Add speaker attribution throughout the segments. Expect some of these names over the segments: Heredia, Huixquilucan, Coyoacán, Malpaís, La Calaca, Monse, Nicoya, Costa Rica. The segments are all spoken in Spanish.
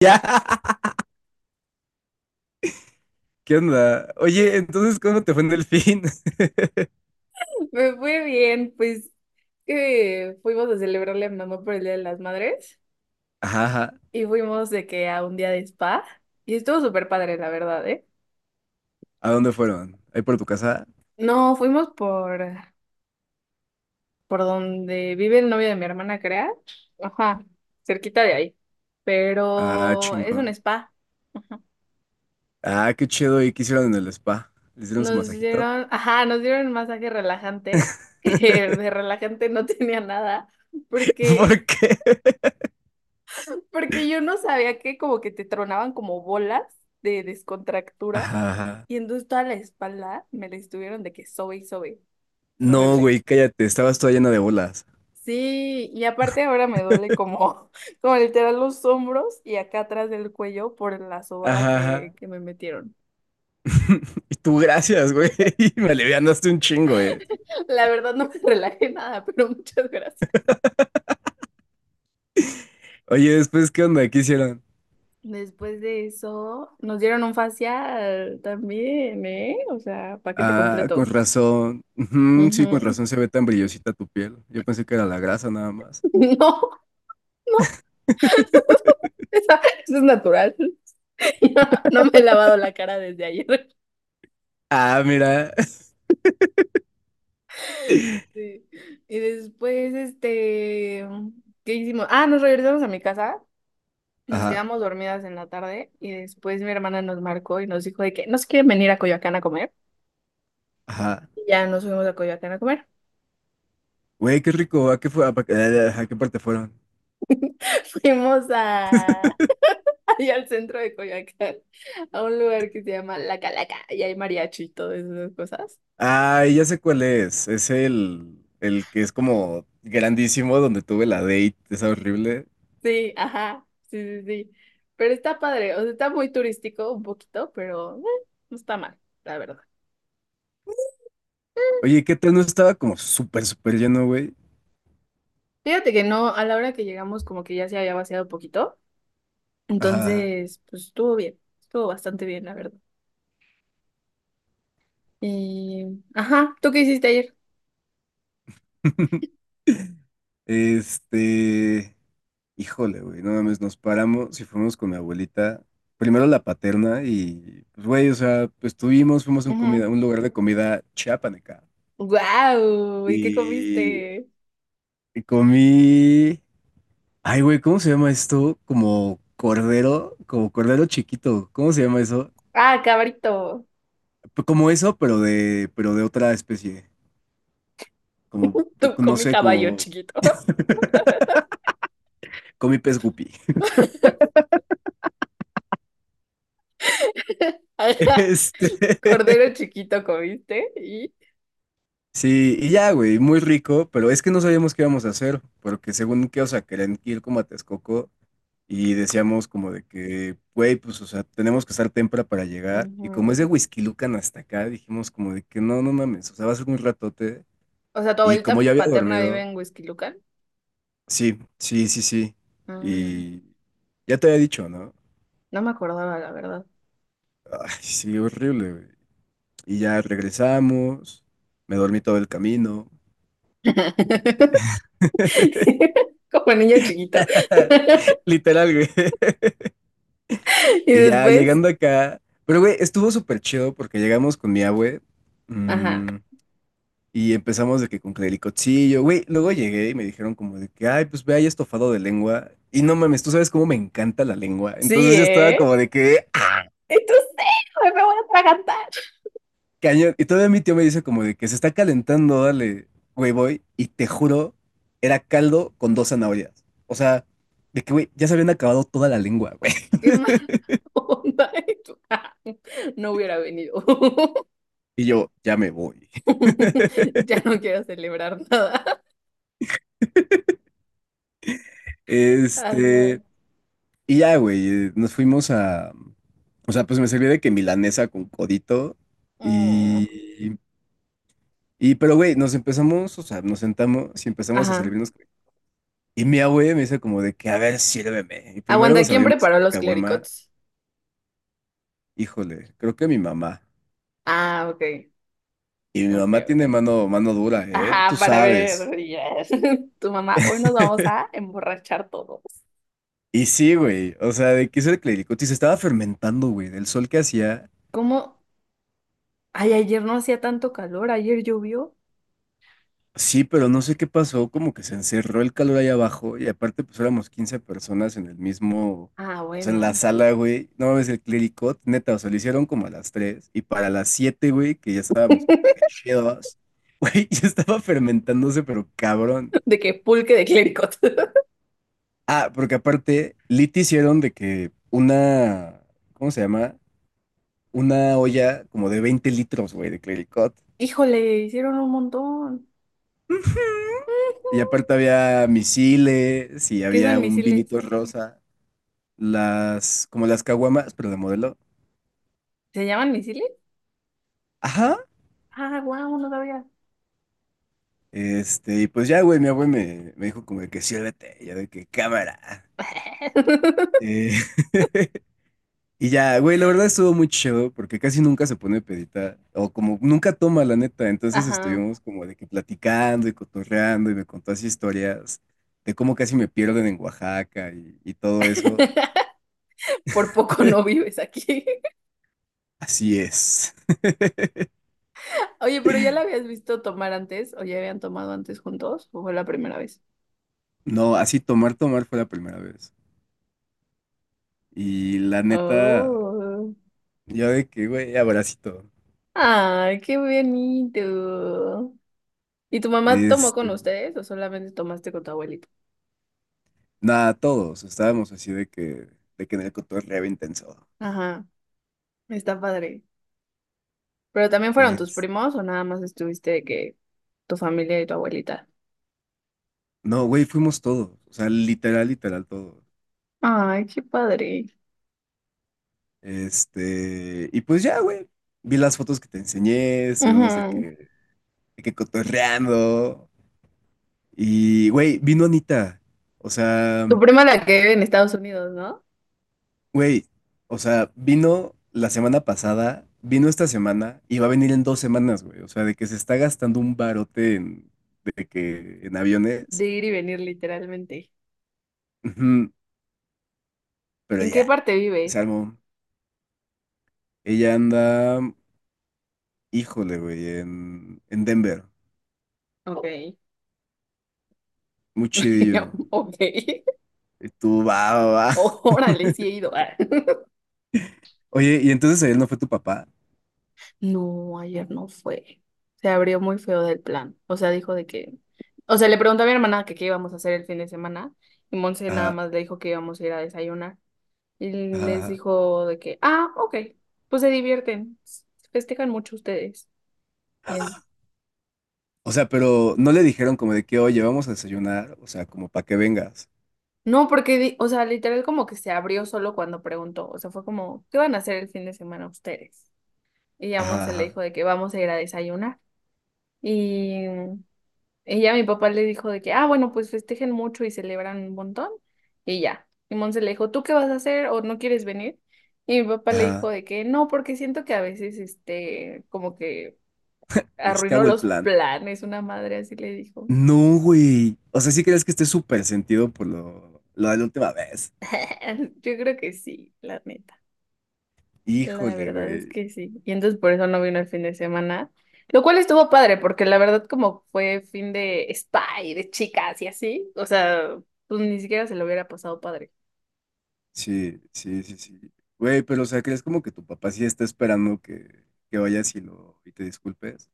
Speaker 1: Ya. ¿Qué onda? Oye, entonces, ¿cómo te fue en Delfín?
Speaker 2: Me fue bien, pues que fuimos a celebrarle a mi mamá por el Día de las Madres
Speaker 1: Ajá, ajá.
Speaker 2: y fuimos de que a un día de spa y estuvo súper padre, la verdad, ¿eh?
Speaker 1: ¿A dónde fueron? ¿Ahí por tu casa?
Speaker 2: No, fuimos por donde vive el novio de mi hermana, crea. Ajá, cerquita de ahí.
Speaker 1: Ah,
Speaker 2: Pero es un
Speaker 1: chingón.
Speaker 2: spa. Ajá.
Speaker 1: Ah, qué chido. ¿Y qué hicieron en el spa? ¿Le hicieron su
Speaker 2: Nos
Speaker 1: masajito?
Speaker 2: dieron, ajá, nos dieron un masaje relajante, que de relajante no tenía nada,
Speaker 1: ¿Por
Speaker 2: porque
Speaker 1: qué?
Speaker 2: porque yo no sabía que como que te tronaban como bolas de descontractura
Speaker 1: Ajá, ajá.
Speaker 2: y entonces toda la espalda me la estuvieron de que sobe y sobe.
Speaker 1: No,
Speaker 2: Horrible.
Speaker 1: güey, cállate. Estabas toda llena de bolas.
Speaker 2: Sí, y aparte ahora me duele como, como literal los hombros y acá atrás del cuello por la sobada
Speaker 1: Ajá,
Speaker 2: que,
Speaker 1: ajá.
Speaker 2: que me metieron.
Speaker 1: Y tú, gracias, güey. Me alivianaste un chingo, güey.
Speaker 2: La verdad no me relajé nada, pero muchas gracias.
Speaker 1: Oye, después, ¿qué onda? ¿Qué hicieron?
Speaker 2: Después de eso, nos dieron un facial también, ¿eh? O sea, paquete
Speaker 1: Ah, con
Speaker 2: completo.
Speaker 1: razón. Ujú, sí, con
Speaker 2: Ujú.
Speaker 1: razón se ve tan brillosita tu piel. Yo pensé que era la grasa nada más.
Speaker 2: No, no, Esa- Eso es natural. No me he lavado la cara desde ayer.
Speaker 1: Ah, mira.
Speaker 2: Sí. Y después, este, ¿qué hicimos? Ah, nos regresamos a mi casa, nos
Speaker 1: Ajá,
Speaker 2: quedamos dormidas en la tarde y después mi hermana nos marcó y nos dijo de que nos quieren venir a Coyoacán a comer.
Speaker 1: ajá.
Speaker 2: Y ya nos fuimos a Coyoacán a comer.
Speaker 1: Güey, qué rico. ¿A qué fue? ¿A qué parte fueron?
Speaker 2: Fuimos a, allá al centro de Coyoacán, a un lugar que se llama La Calaca y hay mariachi y todas esas cosas.
Speaker 1: Ah, ya sé cuál es. Es el que es como grandísimo donde tuve la date. Es horrible.
Speaker 2: Sí, ajá, sí, sí, sí. Pero está padre, o sea, está muy turístico un poquito, pero no está mal, la verdad.
Speaker 1: Oye, ¿qué tal? No estaba como súper, súper lleno, güey.
Speaker 2: Fíjate que no, a la hora que llegamos como que ya se había vaciado un poquito,
Speaker 1: Ajá.
Speaker 2: entonces pues estuvo bien, estuvo bastante bien, la verdad. Y, ajá, ¿tú qué hiciste ayer?
Speaker 1: Ajá. Este. Híjole, güey, no mames, nos paramos y fuimos con mi abuelita, primero la paterna y, pues, güey, o sea, pues tuvimos, fuimos a un
Speaker 2: Ajá.
Speaker 1: comida, un lugar de comida chiapaneca.
Speaker 2: Guau, ¿y qué
Speaker 1: Y
Speaker 2: comiste?
Speaker 1: comí. Ay, güey, ¿cómo se llama esto? Como cordero chiquito. ¿Cómo se llama eso?
Speaker 2: Ah, cabrito.
Speaker 1: P- Como eso, pero de otra especie. Como,
Speaker 2: Tú
Speaker 1: no
Speaker 2: comí
Speaker 1: sé,
Speaker 2: caballo
Speaker 1: como
Speaker 2: chiquito.
Speaker 1: comí pez guppy.
Speaker 2: Ajá,
Speaker 1: Este.
Speaker 2: cordero chiquito comiste y...
Speaker 1: Sí, y ya, güey, muy rico, pero es que no sabíamos qué íbamos a hacer, porque según que, o sea, querían ir como a Texcoco. Y decíamos como de que, güey, pues, o sea, tenemos que estar temprano para llegar. Y como es de
Speaker 2: Ujú.
Speaker 1: Huixquilucan hasta acá, dijimos como de que no, no mames, o sea, va a ser un ratote.
Speaker 2: O sea, tu
Speaker 1: Y como
Speaker 2: abuelita
Speaker 1: ya había
Speaker 2: paterna vive
Speaker 1: dormido,
Speaker 2: en Huixquilucan.
Speaker 1: sí, sí, sí, sí.
Speaker 2: Ah,
Speaker 1: Y ya te había dicho, ¿no?
Speaker 2: no me acordaba, la verdad.
Speaker 1: Ay, sí, horrible, güey. Y ya regresamos, me dormí todo el camino.
Speaker 2: Como niño chiquito.
Speaker 1: Literal, güey.
Speaker 2: Y
Speaker 1: Y ya
Speaker 2: después,
Speaker 1: llegando acá, pero güey, estuvo súper chido porque llegamos con mi abue.
Speaker 2: ajá.
Speaker 1: Mm. Y empezamos de que con clericochillo, güey. Luego llegué y me dijeron como de que, ay, pues ve ahí estofado de lengua. Y no mames, tú sabes cómo me encanta la lengua.
Speaker 2: Sí,
Speaker 1: Entonces yo estaba
Speaker 2: ¿eh?
Speaker 1: como de que, "Ah,
Speaker 2: Entonces, me voy a atragantar.
Speaker 1: cañón". Y todavía mi tío me dice como de que se está calentando, dale, güey, voy. Y te juro, era caldo con dos zanahorias. O sea, de que, güey, ya se habían acabado toda la lengua, güey.
Speaker 2: Qué mala onda. tú, ah, no hubiera venido.
Speaker 1: Y yo, ya me voy.
Speaker 2: Ya no quiero celebrar nada. Ajá.
Speaker 1: Este, y ya, güey, nos fuimos a, o sea, pues me serví de que milanesa con codito. Mm.
Speaker 2: Mm.
Speaker 1: Y, pero, güey, nos empezamos, o sea, nos sentamos y empezamos a
Speaker 2: Ajá.
Speaker 1: servirnos. Y mi abue me dice como de que, a ver, sírveme. Y primero
Speaker 2: Aguanta,
Speaker 1: nos
Speaker 2: ¿quién
Speaker 1: abrimos
Speaker 2: preparó
Speaker 1: una
Speaker 2: los
Speaker 1: caguama.
Speaker 2: clericots?
Speaker 1: Híjole, creo que mi mamá.
Speaker 2: Ah, ok.
Speaker 1: Y mi
Speaker 2: Ok,
Speaker 1: mamá
Speaker 2: ok.
Speaker 1: tiene mano dura, ¿eh? Tú
Speaker 2: Ajá, para
Speaker 1: sabes.
Speaker 2: ver. Yes. Tu mamá, hoy nos vamos a emborrachar todos.
Speaker 1: Y sí, güey, o sea, de que hizo el clericote y se estaba fermentando, güey, del sol que hacía.
Speaker 2: ¿Cómo? Ay, ayer no hacía tanto calor, ayer llovió.
Speaker 1: Sí, pero no sé qué pasó, como que se encerró el calor ahí abajo y aparte pues éramos 15 personas en el mismo,
Speaker 2: Ah,
Speaker 1: o sea, en la
Speaker 2: bueno.
Speaker 1: sala, güey. No mames, el clericot, neta, o sea, lo hicieron como a las 3 y para las 7, güey, que ya estábamos como de que chidos, güey, ya estaba fermentándose, pero cabrón.
Speaker 2: De que pulque de clérigos.
Speaker 1: Ah, porque aparte, Lit hicieron de que una, ¿cómo se llama? Una olla como de 20 litros, güey, de clericot.
Speaker 2: Híjole, hicieron un montón.
Speaker 1: Y aparte había misiles y
Speaker 2: ¿Qué
Speaker 1: había
Speaker 2: son
Speaker 1: un
Speaker 2: misiles?
Speaker 1: vinito rosa. Las, como las caguamas, pero de modelo.
Speaker 2: ¿Se llaman misiles?
Speaker 1: Ajá.
Speaker 2: Ah, guau, no sabía.
Speaker 1: Y pues ya, güey, mi abuelo me dijo como de que siérvete, ya de que cámara. Eh, y ya, güey, la verdad estuvo muy chido porque casi nunca se pone pedita, o como nunca toma, la neta. Entonces
Speaker 2: Ajá,
Speaker 1: estuvimos como de que platicando y cotorreando y me contó así historias de cómo casi me pierden en Oaxaca y todo eso.
Speaker 2: por poco no vives aquí.
Speaker 1: Así es.
Speaker 2: Oye, pero ¿ya la habías visto tomar antes? ¿O ya habían tomado antes juntos? ¿O fue la primera vez?
Speaker 1: No, así tomar, tomar fue la primera vez. Y la neta.
Speaker 2: Oh,
Speaker 1: Yo de que, güey, abracito.
Speaker 2: ay, qué bonito. ¿Y tu mamá tomó con
Speaker 1: Este,
Speaker 2: ustedes o solamente tomaste con tu abuelito?
Speaker 1: nada, todos estábamos así de que en el cotorreo intenso.
Speaker 2: Ajá. Está padre. ¿Pero también fueron tus
Speaker 1: Es,
Speaker 2: primos o nada más estuviste de que tu familia y tu abuelita?
Speaker 1: no, güey, fuimos todos. O sea, literal, literal, todos.
Speaker 2: Ay, qué padre.
Speaker 1: Y pues ya, güey. Vi las fotos que te enseñé, estuvimos
Speaker 2: Ujú.
Speaker 1: de que cotorreando. Y, güey, vino Anita. O sea,
Speaker 2: Tu prima la que vive en Estados Unidos, ¿no?
Speaker 1: güey, o sea, vino la semana pasada, vino esta semana y va a venir en 2 semanas, güey. O sea, de que se está gastando un barote en, de que, en aviones.
Speaker 2: De ir y venir literalmente.
Speaker 1: Ujú, pero
Speaker 2: ¿En qué
Speaker 1: ya,
Speaker 2: parte vive?
Speaker 1: Salmo, ella anda, híjole, güey, en Denver.
Speaker 2: Ok.
Speaker 1: Muy chidillo.
Speaker 2: Ok.
Speaker 1: Y tú, va, va, va.
Speaker 2: Órale, sí he ido. Ah.
Speaker 1: Oye, ¿y entonces él no fue tu papá?
Speaker 2: No, ayer no fue. Se abrió muy feo del plan. O sea, dijo de que... O sea, le preguntó a mi hermana que qué íbamos a hacer el fin de semana y Monse nada
Speaker 1: Ajá,
Speaker 2: más le dijo que íbamos a ir a desayunar. Y
Speaker 1: ajá,
Speaker 2: les
Speaker 1: ajá.
Speaker 2: dijo de que, ah, ok, pues se divierten, festejan mucho ustedes. Bien.
Speaker 1: O sea, pero no le dijeron como de que, oye, vamos a desayunar, o sea, como para que vengas.
Speaker 2: No, porque, o sea, literal como que se abrió solo cuando preguntó, o sea, fue como, ¿qué van a hacer el fin de semana ustedes? Y a
Speaker 1: Ajá,
Speaker 2: Monse le dijo
Speaker 1: ajá,
Speaker 2: de que vamos a ir a desayunar. Y, ya mi papá le dijo de que, ah, bueno, pues festejen mucho y celebran un montón. Y ya. Y Monse le dijo, ¿tú qué vas a hacer o no quieres venir? Y mi papá le
Speaker 1: ajá.
Speaker 2: dijo de que no, porque siento que a veces, este, como que
Speaker 1: Les
Speaker 2: arruinó
Speaker 1: cago el
Speaker 2: los
Speaker 1: plan.
Speaker 2: planes, una madre así le dijo.
Speaker 1: No, güey. O sea, sí crees que esté súper sentido por lo de la última vez.
Speaker 2: Yo creo que sí, la neta. La
Speaker 1: Híjole,
Speaker 2: verdad es
Speaker 1: güey.
Speaker 2: que sí. Y entonces por eso no vino el fin de semana, lo cual estuvo padre, porque la verdad como fue fin de spa y de chicas y así, o sea, pues ni siquiera se lo hubiera pasado padre.
Speaker 1: Sí, sí, sí, sí. Güey, pero o sea, ¿crees como que tu papá sí está esperando que vayas y lo y te disculpes?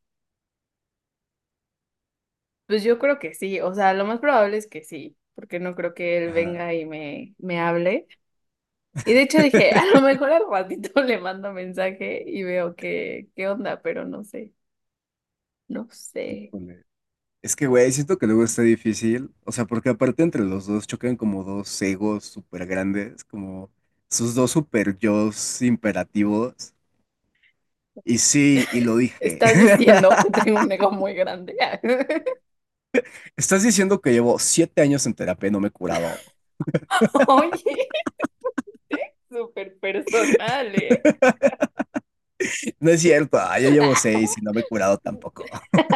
Speaker 2: Pues yo creo que sí, o sea, lo más probable es que sí, porque no creo que él
Speaker 1: Ajá.
Speaker 2: venga y me hable. Y de hecho dije, a lo mejor al ratito le mando mensaje y veo que, qué onda, pero no sé, no sé.
Speaker 1: Híjole. Es que, güey, siento que luego está difícil. O sea, porque aparte entre los dos chocan como dos egos súper grandes, como sus dos super yos imperativos. Y sí, y lo dije.
Speaker 2: Estás diciendo que tengo un ego muy grande.
Speaker 1: Estás diciendo que llevo 7 años en terapia y no me he curado.
Speaker 2: Oye, este, súper personal, ¿eh?
Speaker 1: No es cierto, ah, yo llevo 6 y no me he curado tampoco.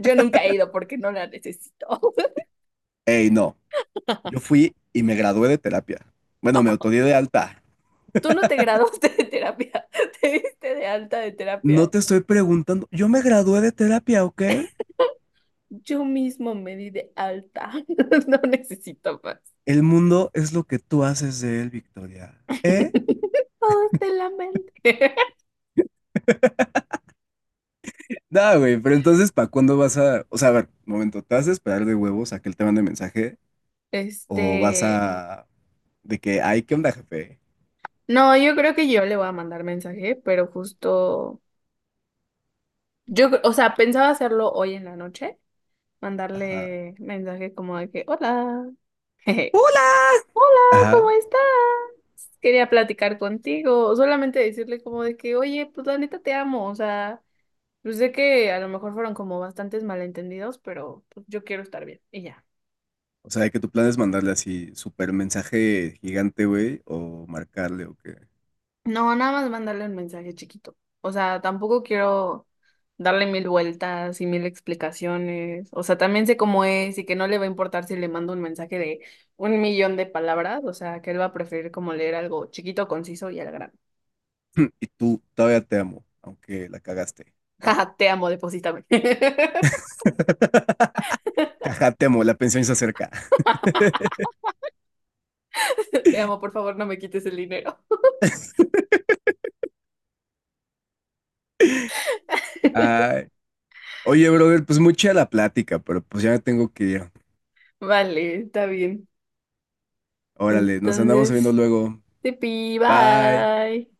Speaker 2: Yo nunca he ido porque no la necesito.
Speaker 1: Ey, no, yo fui y me gradué de terapia. Bueno, me autodidacta de alta.
Speaker 2: Tú no te graduaste de terapia, te diste de alta de
Speaker 1: No
Speaker 2: terapia.
Speaker 1: te estoy preguntando, yo me gradué de terapia, ¿ok?
Speaker 2: Yo mismo me di de alta. No necesito más.
Speaker 1: El mundo es lo que tú haces de él, Victoria. ¿Eh?
Speaker 2: Todo está en la mente.
Speaker 1: No, güey, pero entonces, ¿para cuándo vas a...? O sea, a ver, momento, ¿te vas a esperar de huevos a que él te mande mensaje? ¿O vas
Speaker 2: Este,
Speaker 1: a...? De que, ay, ¿qué onda, jefe?
Speaker 2: no, yo creo que yo le voy a mandar mensaje, pero justo, yo, o sea, pensaba hacerlo hoy en la noche
Speaker 1: Ajá.
Speaker 2: mandarle mensaje como de que, hola, jeje,
Speaker 1: ¡Hola!
Speaker 2: hola, ¿cómo
Speaker 1: Ajá.
Speaker 2: estás? Quería platicar contigo, o solamente decirle como de que, oye, pues la neta te amo, o sea, yo sé que a lo mejor fueron como bastantes malentendidos, pero pues, yo quiero estar bien, y ya.
Speaker 1: O sea, ¿que tu plan es mandarle así súper mensaje gigante, güey, o marcarle o qué?
Speaker 2: No, nada más mandarle un mensaje chiquito. O sea, tampoco quiero darle mil vueltas y mil explicaciones. O sea, también sé cómo es y que no le va a importar si le mando un mensaje de un millón de palabras. O sea, que él va a preferir como leer algo chiquito, conciso y al grano.
Speaker 1: Y tú todavía te amo, aunque la cagaste. Bye.
Speaker 2: Jaja, te amo, deposítame.
Speaker 1: Jaja, te amo, la pensión se acerca.
Speaker 2: Te amo, por favor, no me quites el dinero.
Speaker 1: Ay. Oye, brother, pues mucha la plática, pero pues ya me tengo que ir.
Speaker 2: Vale, está bien.
Speaker 1: Órale, nos andamos viendo
Speaker 2: Entonces,
Speaker 1: luego.
Speaker 2: tipi,
Speaker 1: Bye.
Speaker 2: bye.